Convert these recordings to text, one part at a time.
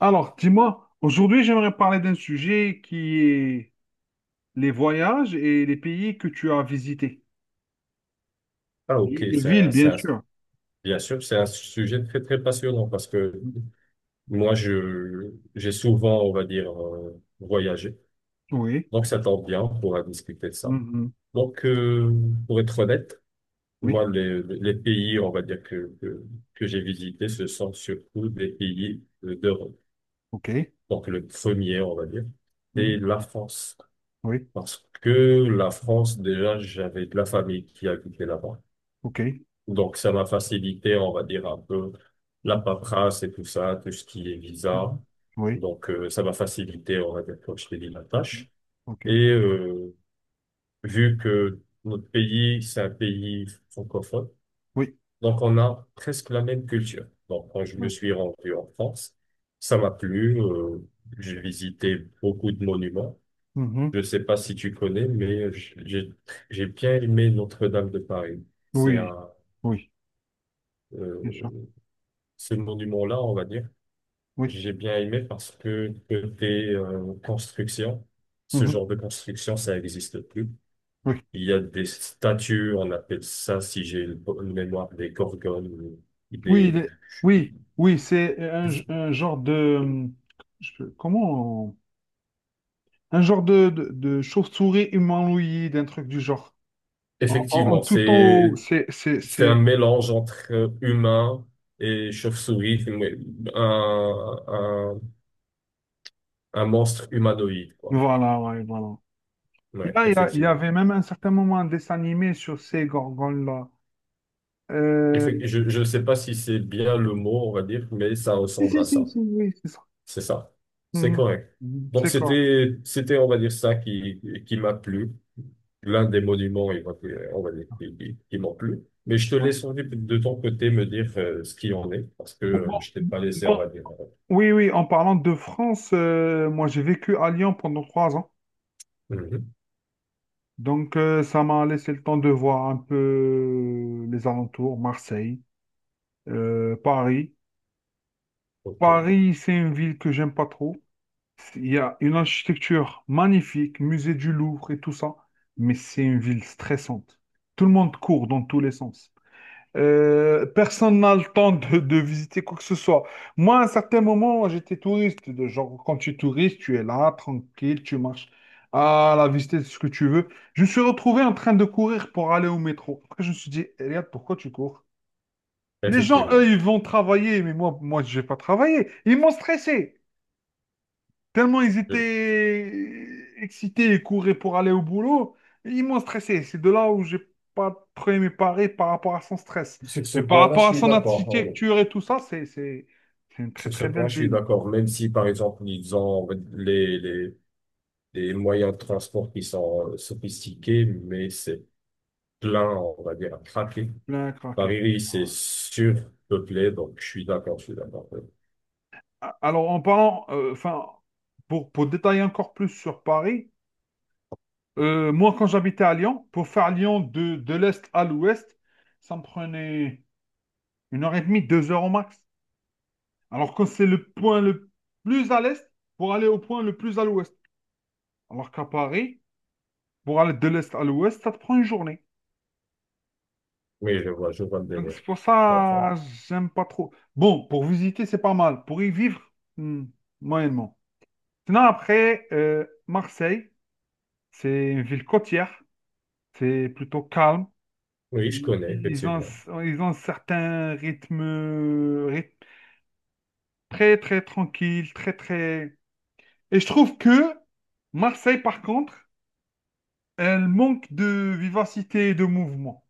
Alors, dis-moi, aujourd'hui, j'aimerais parler d'un sujet qui est les voyages et les pays que tu as visités. Ah, ok, Et les villes, bien sûr. bien sûr, c'est un sujet très, très passionnant parce que moi, j'ai souvent, on va dire, voyagé. Oui. Donc, ça tombe bien pour discuter de ça. Mhm. Donc, pour être honnête, Oui. moi, les pays, on va dire, que j'ai visités, ce sont surtout des pays d'Europe. OK. Donc, le premier, on va dire, Mhm. c'est la France. Oui. Parce que la France, déjà, j'avais de la famille qui habitait là-bas. OK. Donc, ça m'a facilité, on va dire, un peu la Mhm. paperasse et tout ça, tout ce qui est visa. Mhm. Oui. Donc, ça m'a facilité, on va dire, comme je t'ai dit, la Mhm. tâche. OK. Et vu que notre pays, c'est un pays francophone, Oui. donc on a presque la même culture. Donc, quand je me Oui. suis rendu en France, ça m'a plu. J'ai visité beaucoup de monuments. Mhm. Je sais pas si tu connais, mais j'ai bien aimé Notre-Dame de Paris. C'est Oui. un... Oui. euh, Bien sûr. Ce monument-là, on va dire. Oui. J'ai bien aimé parce que côté construction, ce Mhm. genre de construction, ça n'existe plus. Oui. Il y a des statues, on appelle ça, si j'ai une mémoire, des gorgones, ou Oui. des... Oui. Oui. C'est un genre de. Comment? Un genre de chauve-souris humanoïde, un truc du genre. En Effectivement, tout en haut, c'est, c'est, c'est un c'est... mélange entre humain et chauve-souris, mais un, un, un monstre humanoïde, quoi. Voilà, ouais, voilà. Ouais, Il y effectivement. avait même un certain moment un dessin animé sur ces gorgones-là. Euh, Je ne sais pas si c'est bien le mot, on va dire, mais ça Si, ressemble à si, si, ça. si, oui, c'est ça. C'est ça. C'est Mhm. correct. Mhm, Donc, c'est quoi? C'était, on va dire, ça qui m'a plu. L'un des monuments, il m'a plu, on va dire, qui m'ont plu. Mais je te Ouais. laisse on dit, de ton côté me dire ce qu'il en est, parce que Bon, bon, je t'ai pas laissé, on bon, va dire. Oui, oui, en parlant de France, moi j'ai vécu à Lyon pendant 3 ans. Mhm. Donc ça m'a laissé le temps de voir un peu les alentours, Marseille, Paris. Ok. Paris, c'est une ville que j'aime pas trop. Il y a une architecture magnifique, musée du Louvre et tout ça, mais c'est une ville stressante. Tout le monde court dans tous les sens. Personne n'a le temps de visiter quoi que ce soit. Moi, à un certain moment, j'étais touriste. De genre, quand tu es touriste, tu es là, tranquille, tu marches à la visiter ce que tu veux. Je me suis retrouvé en train de courir pour aller au métro. Après, je me suis dit, regarde, pourquoi tu cours? Les gens, eux, Effectivement. ils vont travailler, mais moi, je vais pas travailler. Ils m'ont stressé. Tellement ils Je- étaient excités et couraient pour aller au boulot, ils m'ont stressé. C'est de là où j'ai pas trop aimé Paris par rapport à son stress. Sur ce Mais par point-là, je rapport à suis son d'accord. Oui. architecture et tout ça, c'est une très Sur ce très point, belle je suis ville. d'accord. Même si, par exemple, ils ont on va les moyens de transport qui sont sophistiqués, mais c'est plein, on va dire, à craquer. Plein à craquer. Paris, oui, c'est surpeuplé, donc je suis d'accord. Oui, Alors en parlant, enfin, pour détailler encore plus sur Paris, moi quand j'habitais à Lyon, pour faire Lyon de l'est à l'ouest, ça me prenait 1 heure et demie, 2 heures au max. Alors que c'est le point le plus à l'est pour aller au point le plus à l'ouest. Alors qu'à Paris, pour aller de l'est à l'ouest, ça te prend une journée. oui, je vois le Donc délire. c'est pour Je comprends. ça, j'aime pas trop. Bon, pour visiter, c'est pas mal. Pour y vivre, hmm, moyennement. Sinon, après, Marseille, c'est une ville côtière. C'est plutôt calme. Oui, je connais, Ils ont, effectivement. ils ont un certain rythme, très, très tranquille, très, très. Et je trouve que Marseille, par contre, elle manque de vivacité et de mouvement.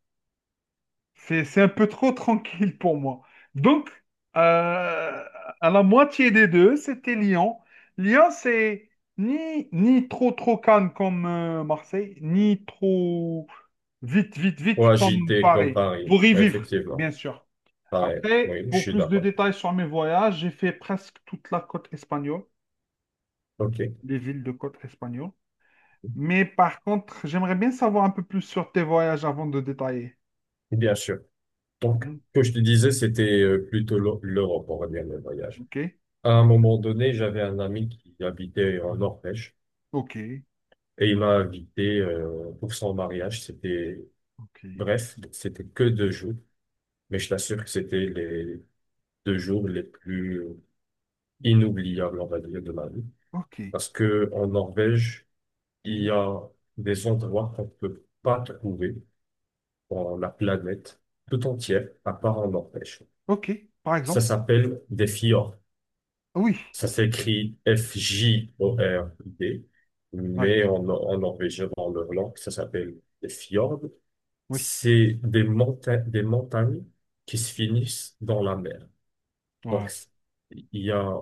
C'est un peu trop tranquille pour moi. Donc, euh, à la moitié des deux, c'était Lyon. Lyon, c'est ni trop calme comme Marseille, ni trop vite, vite, Ou vite comme agité comme Paris. Paris, Pour y vivre, bien effectivement. sûr. Pareil, Après, oui, je pour suis plus de d'accord. détails sur mes voyages, j'ai fait presque toute la côte espagnole, OK, les villes de côte espagnole. Mais par contre, j'aimerais bien savoir un peu plus sur tes voyages avant de détailler. bien sûr. Donc, Mhm. ce que je te disais, c'était plutôt l'Europe, on va dire, le voyage. OK, À un moment donné, j'avais un ami qui habitait en Norvège OK, et il m'a invité pour son mariage. C'était OK. bref, c'était que deux jours, mais je t'assure que c'était les deux jours les plus Mhm. inoubliable, on va dire, de ma vie. OK. Parce que en Norvège, il y Mhm. a des endroits qu'on ne peut pas trouver dans la planète tout entière, à part en Norvège. OK, par Ça exemple. s'appelle des fjords. Ah oui, Ça s'écrit Fjord, ouais, mais en norvégien, dans leur langue, ça s'appelle des fjords. oui. C'est des montagnes qui se finissent dans la mer. Ouais. Donc, il y a,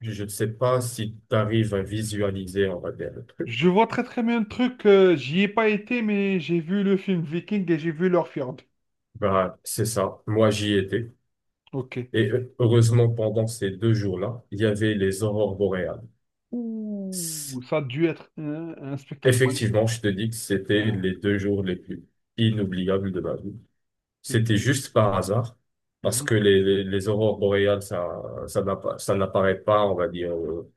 je ne sais pas si tu arrives à visualiser, on va dire, le truc. Je vois très très bien le truc. J'y ai pas été, mais j'ai vu le film Viking et j'ai vu leur fjord. Bah, c'est ça. Moi, j'y étais. OK. Et heureusement, pendant ces deux jours-là, il y avait les aurores boréales. Ouh, C'est- ça a dû être un spectacle magnifique. Effectivement, je te dis que c'était Voilà, les deux jours les plus inoubliables de ma vie. c'est C'était bien. juste par hasard, parce Mhm. que les aurores boréales, ça n'apparaît pas, on va dire,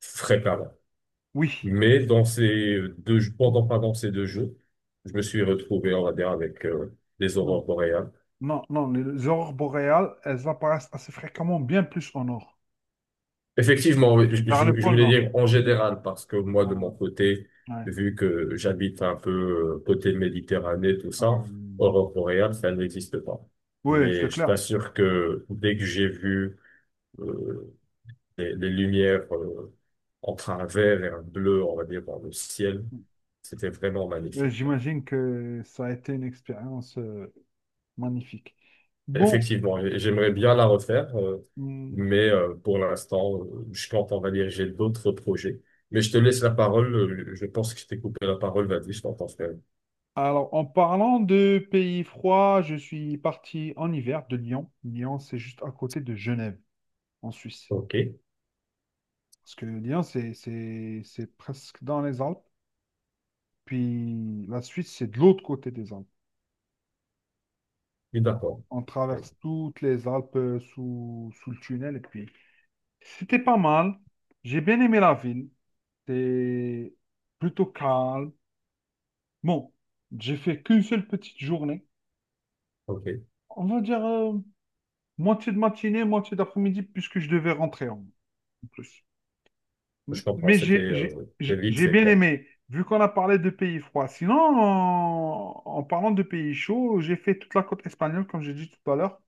fréquemment. Oui. Mais dans pendant ces deux jours, je me suis retrouvé, on va dire, avec les Non, aurores boréales. non, non. Les aurores boréales, elles apparaissent assez fréquemment, bien plus au nord, Effectivement, oui, vers le je pôle voulais nord. dire en général, parce que moi, de Voilà. mon côté, Ouais. vu que j'habite un peu côté Méditerranée, tout ça, Euh, Europe boréale, ça n'existe pas. ouais, c'est Mais je clair. t'assure que dès que j'ai vu euh, les lumières entre un vert et un bleu, on va dire, dans le ciel, c'était vraiment magnifique. J'imagine que ça a été une expérience magnifique. Bon, Effectivement, et j'aimerais bien la refaire, hum, mais pour l'instant, je compte, on va dire, j'ai d'autres projets. Mais je te laisse la parole, je pense que je t'ai coupé la parole, vas-y, je t'entends faire. alors en parlant de pays froids, je suis parti en hiver de Lyon. Lyon, c'est juste à côté de Genève, en Suisse. Ok, oui, Parce que Lyon, c'est presque dans les Alpes. Puis la Suisse, c'est de l'autre côté des Alpes. d'accord. On Ouais, traverse toutes les Alpes sous le tunnel. Et puis, c'était pas mal. J'ai bien aimé la ville. C'est plutôt calme. Bon, j'ai fait qu'une seule petite journée. ok, On va dire moitié de matinée, moitié d'après-midi, puisque je devais rentrer en plus. M- je comprends, Mais c'était j'ai j'ai- le j'ai- lead, j'ai c'est bien quoi? aimé, vu qu'on a parlé de pays froids. Sinon, en parlant de pays chauds, j'ai fait toute la côte espagnole, comme j'ai dit tout à l'heure.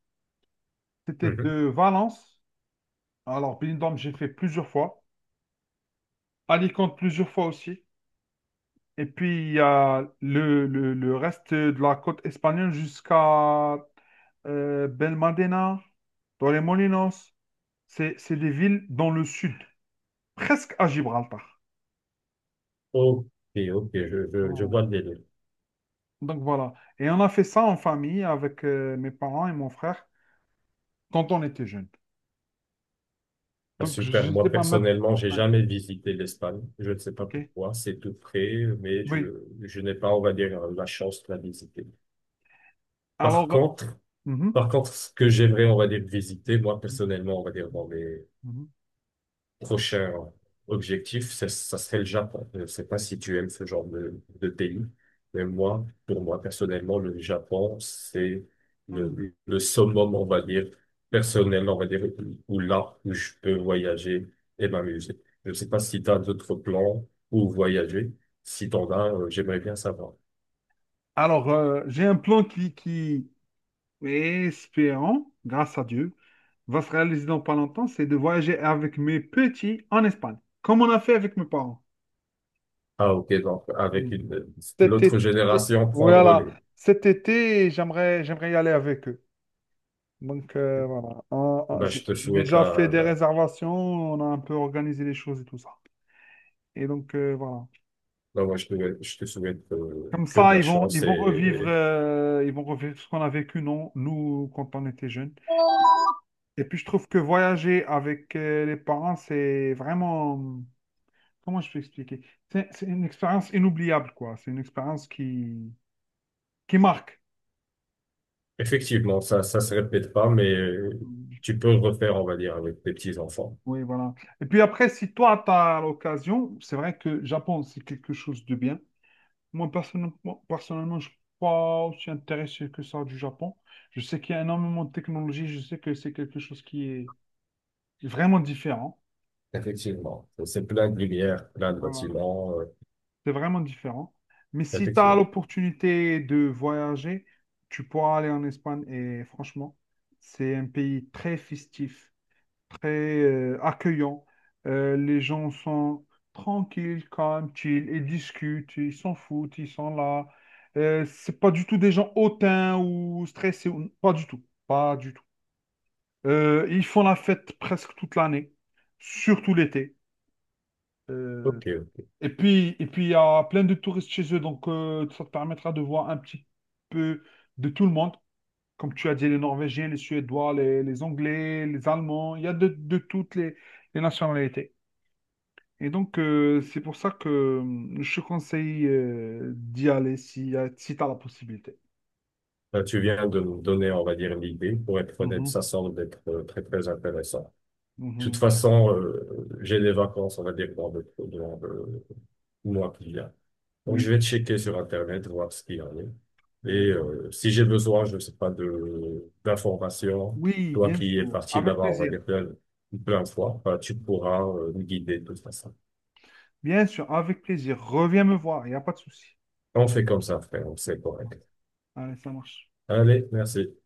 C'était Mhm. de Valence. Alors, Benidorm, j'ai fait plusieurs fois. Alicante, plusieurs fois aussi. Et puis, il y a le reste de la côte espagnole jusqu'à Belmadena, dans les Molinos. C'est des villes dans le sud, presque à Gibraltar. Ok, ok, je Oh. vois le délire. Donc voilà. Et on a fait ça en famille avec mes parents et mon frère quand on était jeunes. Ah, Donc, je super, ne sais moi pas mettre. personnellement, j'ai jamais visité l'Espagne, je ne sais pas OK? pourquoi, c'est tout près, Oui. Je n'ai pas, on va dire, la chance de la visiter. Par Alors. Contre, Mhm. Par contre, ce que j'aimerais, on va dire, visiter, moi, personnellement, on va dire, dans mes Mhm. prochains objectifs, ça serait le Japon. Je ne sais pas si tu aimes ce genre de pays, mais moi, pour moi, personnellement, le Japon, c'est Mhm. Le summum, on va dire, personnel, on va dire, où je peux voyager et m'amuser. Je ne sais pas si tu as d'autres plans ou voyager. Si t'en as, j'aimerais bien savoir. Alors, j'ai un plan qui est espérant, grâce à Dieu, va se réaliser dans pas longtemps, c'est de voyager avec mes petits en Espagne, comme on a fait avec mes parents. Ah, ok, donc, Hmm. Cet l'autre été, génération prend le voilà, relais. cet été, j'aimerais y aller avec eux. Donc, voilà, On- on- Bah j'ai je te j'ai souhaite déjà fait la, des la- réservations, on a un peu organisé les choses et tout ça. Et donc, voilà. Ben, moi, je te souhaite Comme que de ça, la ils vont, ils chance vont revivre, et, euh, ils vont revivre ce qu'on a vécu, non, nous, quand on était jeunes. Et puis, je trouve que voyager avec les parents, c'est vraiment, comment je peux expliquer? C'est une expérience inoubliable, quoi. C'est une expérience qui marque. effectivement, ça se répète pas, mais tu peux le refaire, on va dire, avec tes petits-enfants. Oui, voilà. Et puis après, si toi, tu as l'occasion, c'est vrai que Japon, c'est quelque chose de bien. Moi, personnellement, je ne suis pas aussi intéressé que ça du Japon. Je sais qu'il y a énormément de technologie, je sais que c'est quelque chose qui est vraiment différent. Effectivement. C'est plein de lumière, plein de Voilà. bâtiments. C'est vraiment différent. Mais si tu as Effectivement. l'opportunité de voyager, tu pourras aller en Espagne. Et franchement, c'est un pays très festif, très accueillant. Les gens sont tranquilles, calmes, chill, ils discutent, ils s'en foutent, ils sont là. C'est pas du tout des gens hautains ou stressés. Pas du tout. Pas du tout. Ils font la fête presque toute l'année, surtout l'été. Euh, OK. et puis, il y a plein de touristes chez eux, donc ça te permettra de voir un petit peu de tout le monde. Comme tu as dit, les Norvégiens, les Suédois, les Anglais, les Allemands, il y a de toutes les nationalités. Et donc, c'est pour ça que je te conseille d'y aller si tu as la possibilité. Ben, tu viens de nous donner, on va dire, l'idée. Pour être honnête, Mhm, ça semble être très, très intéressant. De toute mhm, façon, j'ai des vacances, on va dire, dans le mois qui vient. Donc, je oui. vais checker sur Internet, voir ce qu'il y en a. Euh, Et si j'ai besoin, je ne sais pas, de d'informations, oui, toi bien qui es sûr. parti Avec là-bas, on va plaisir. dire plein, plein de fois, bah, tu pourras me guider de toute façon. Bien sûr, avec plaisir. Reviens me voir, il n'y a pas de souci. On fait comme ça, frère, c'est correct. Allez, ça marche. Allez, merci.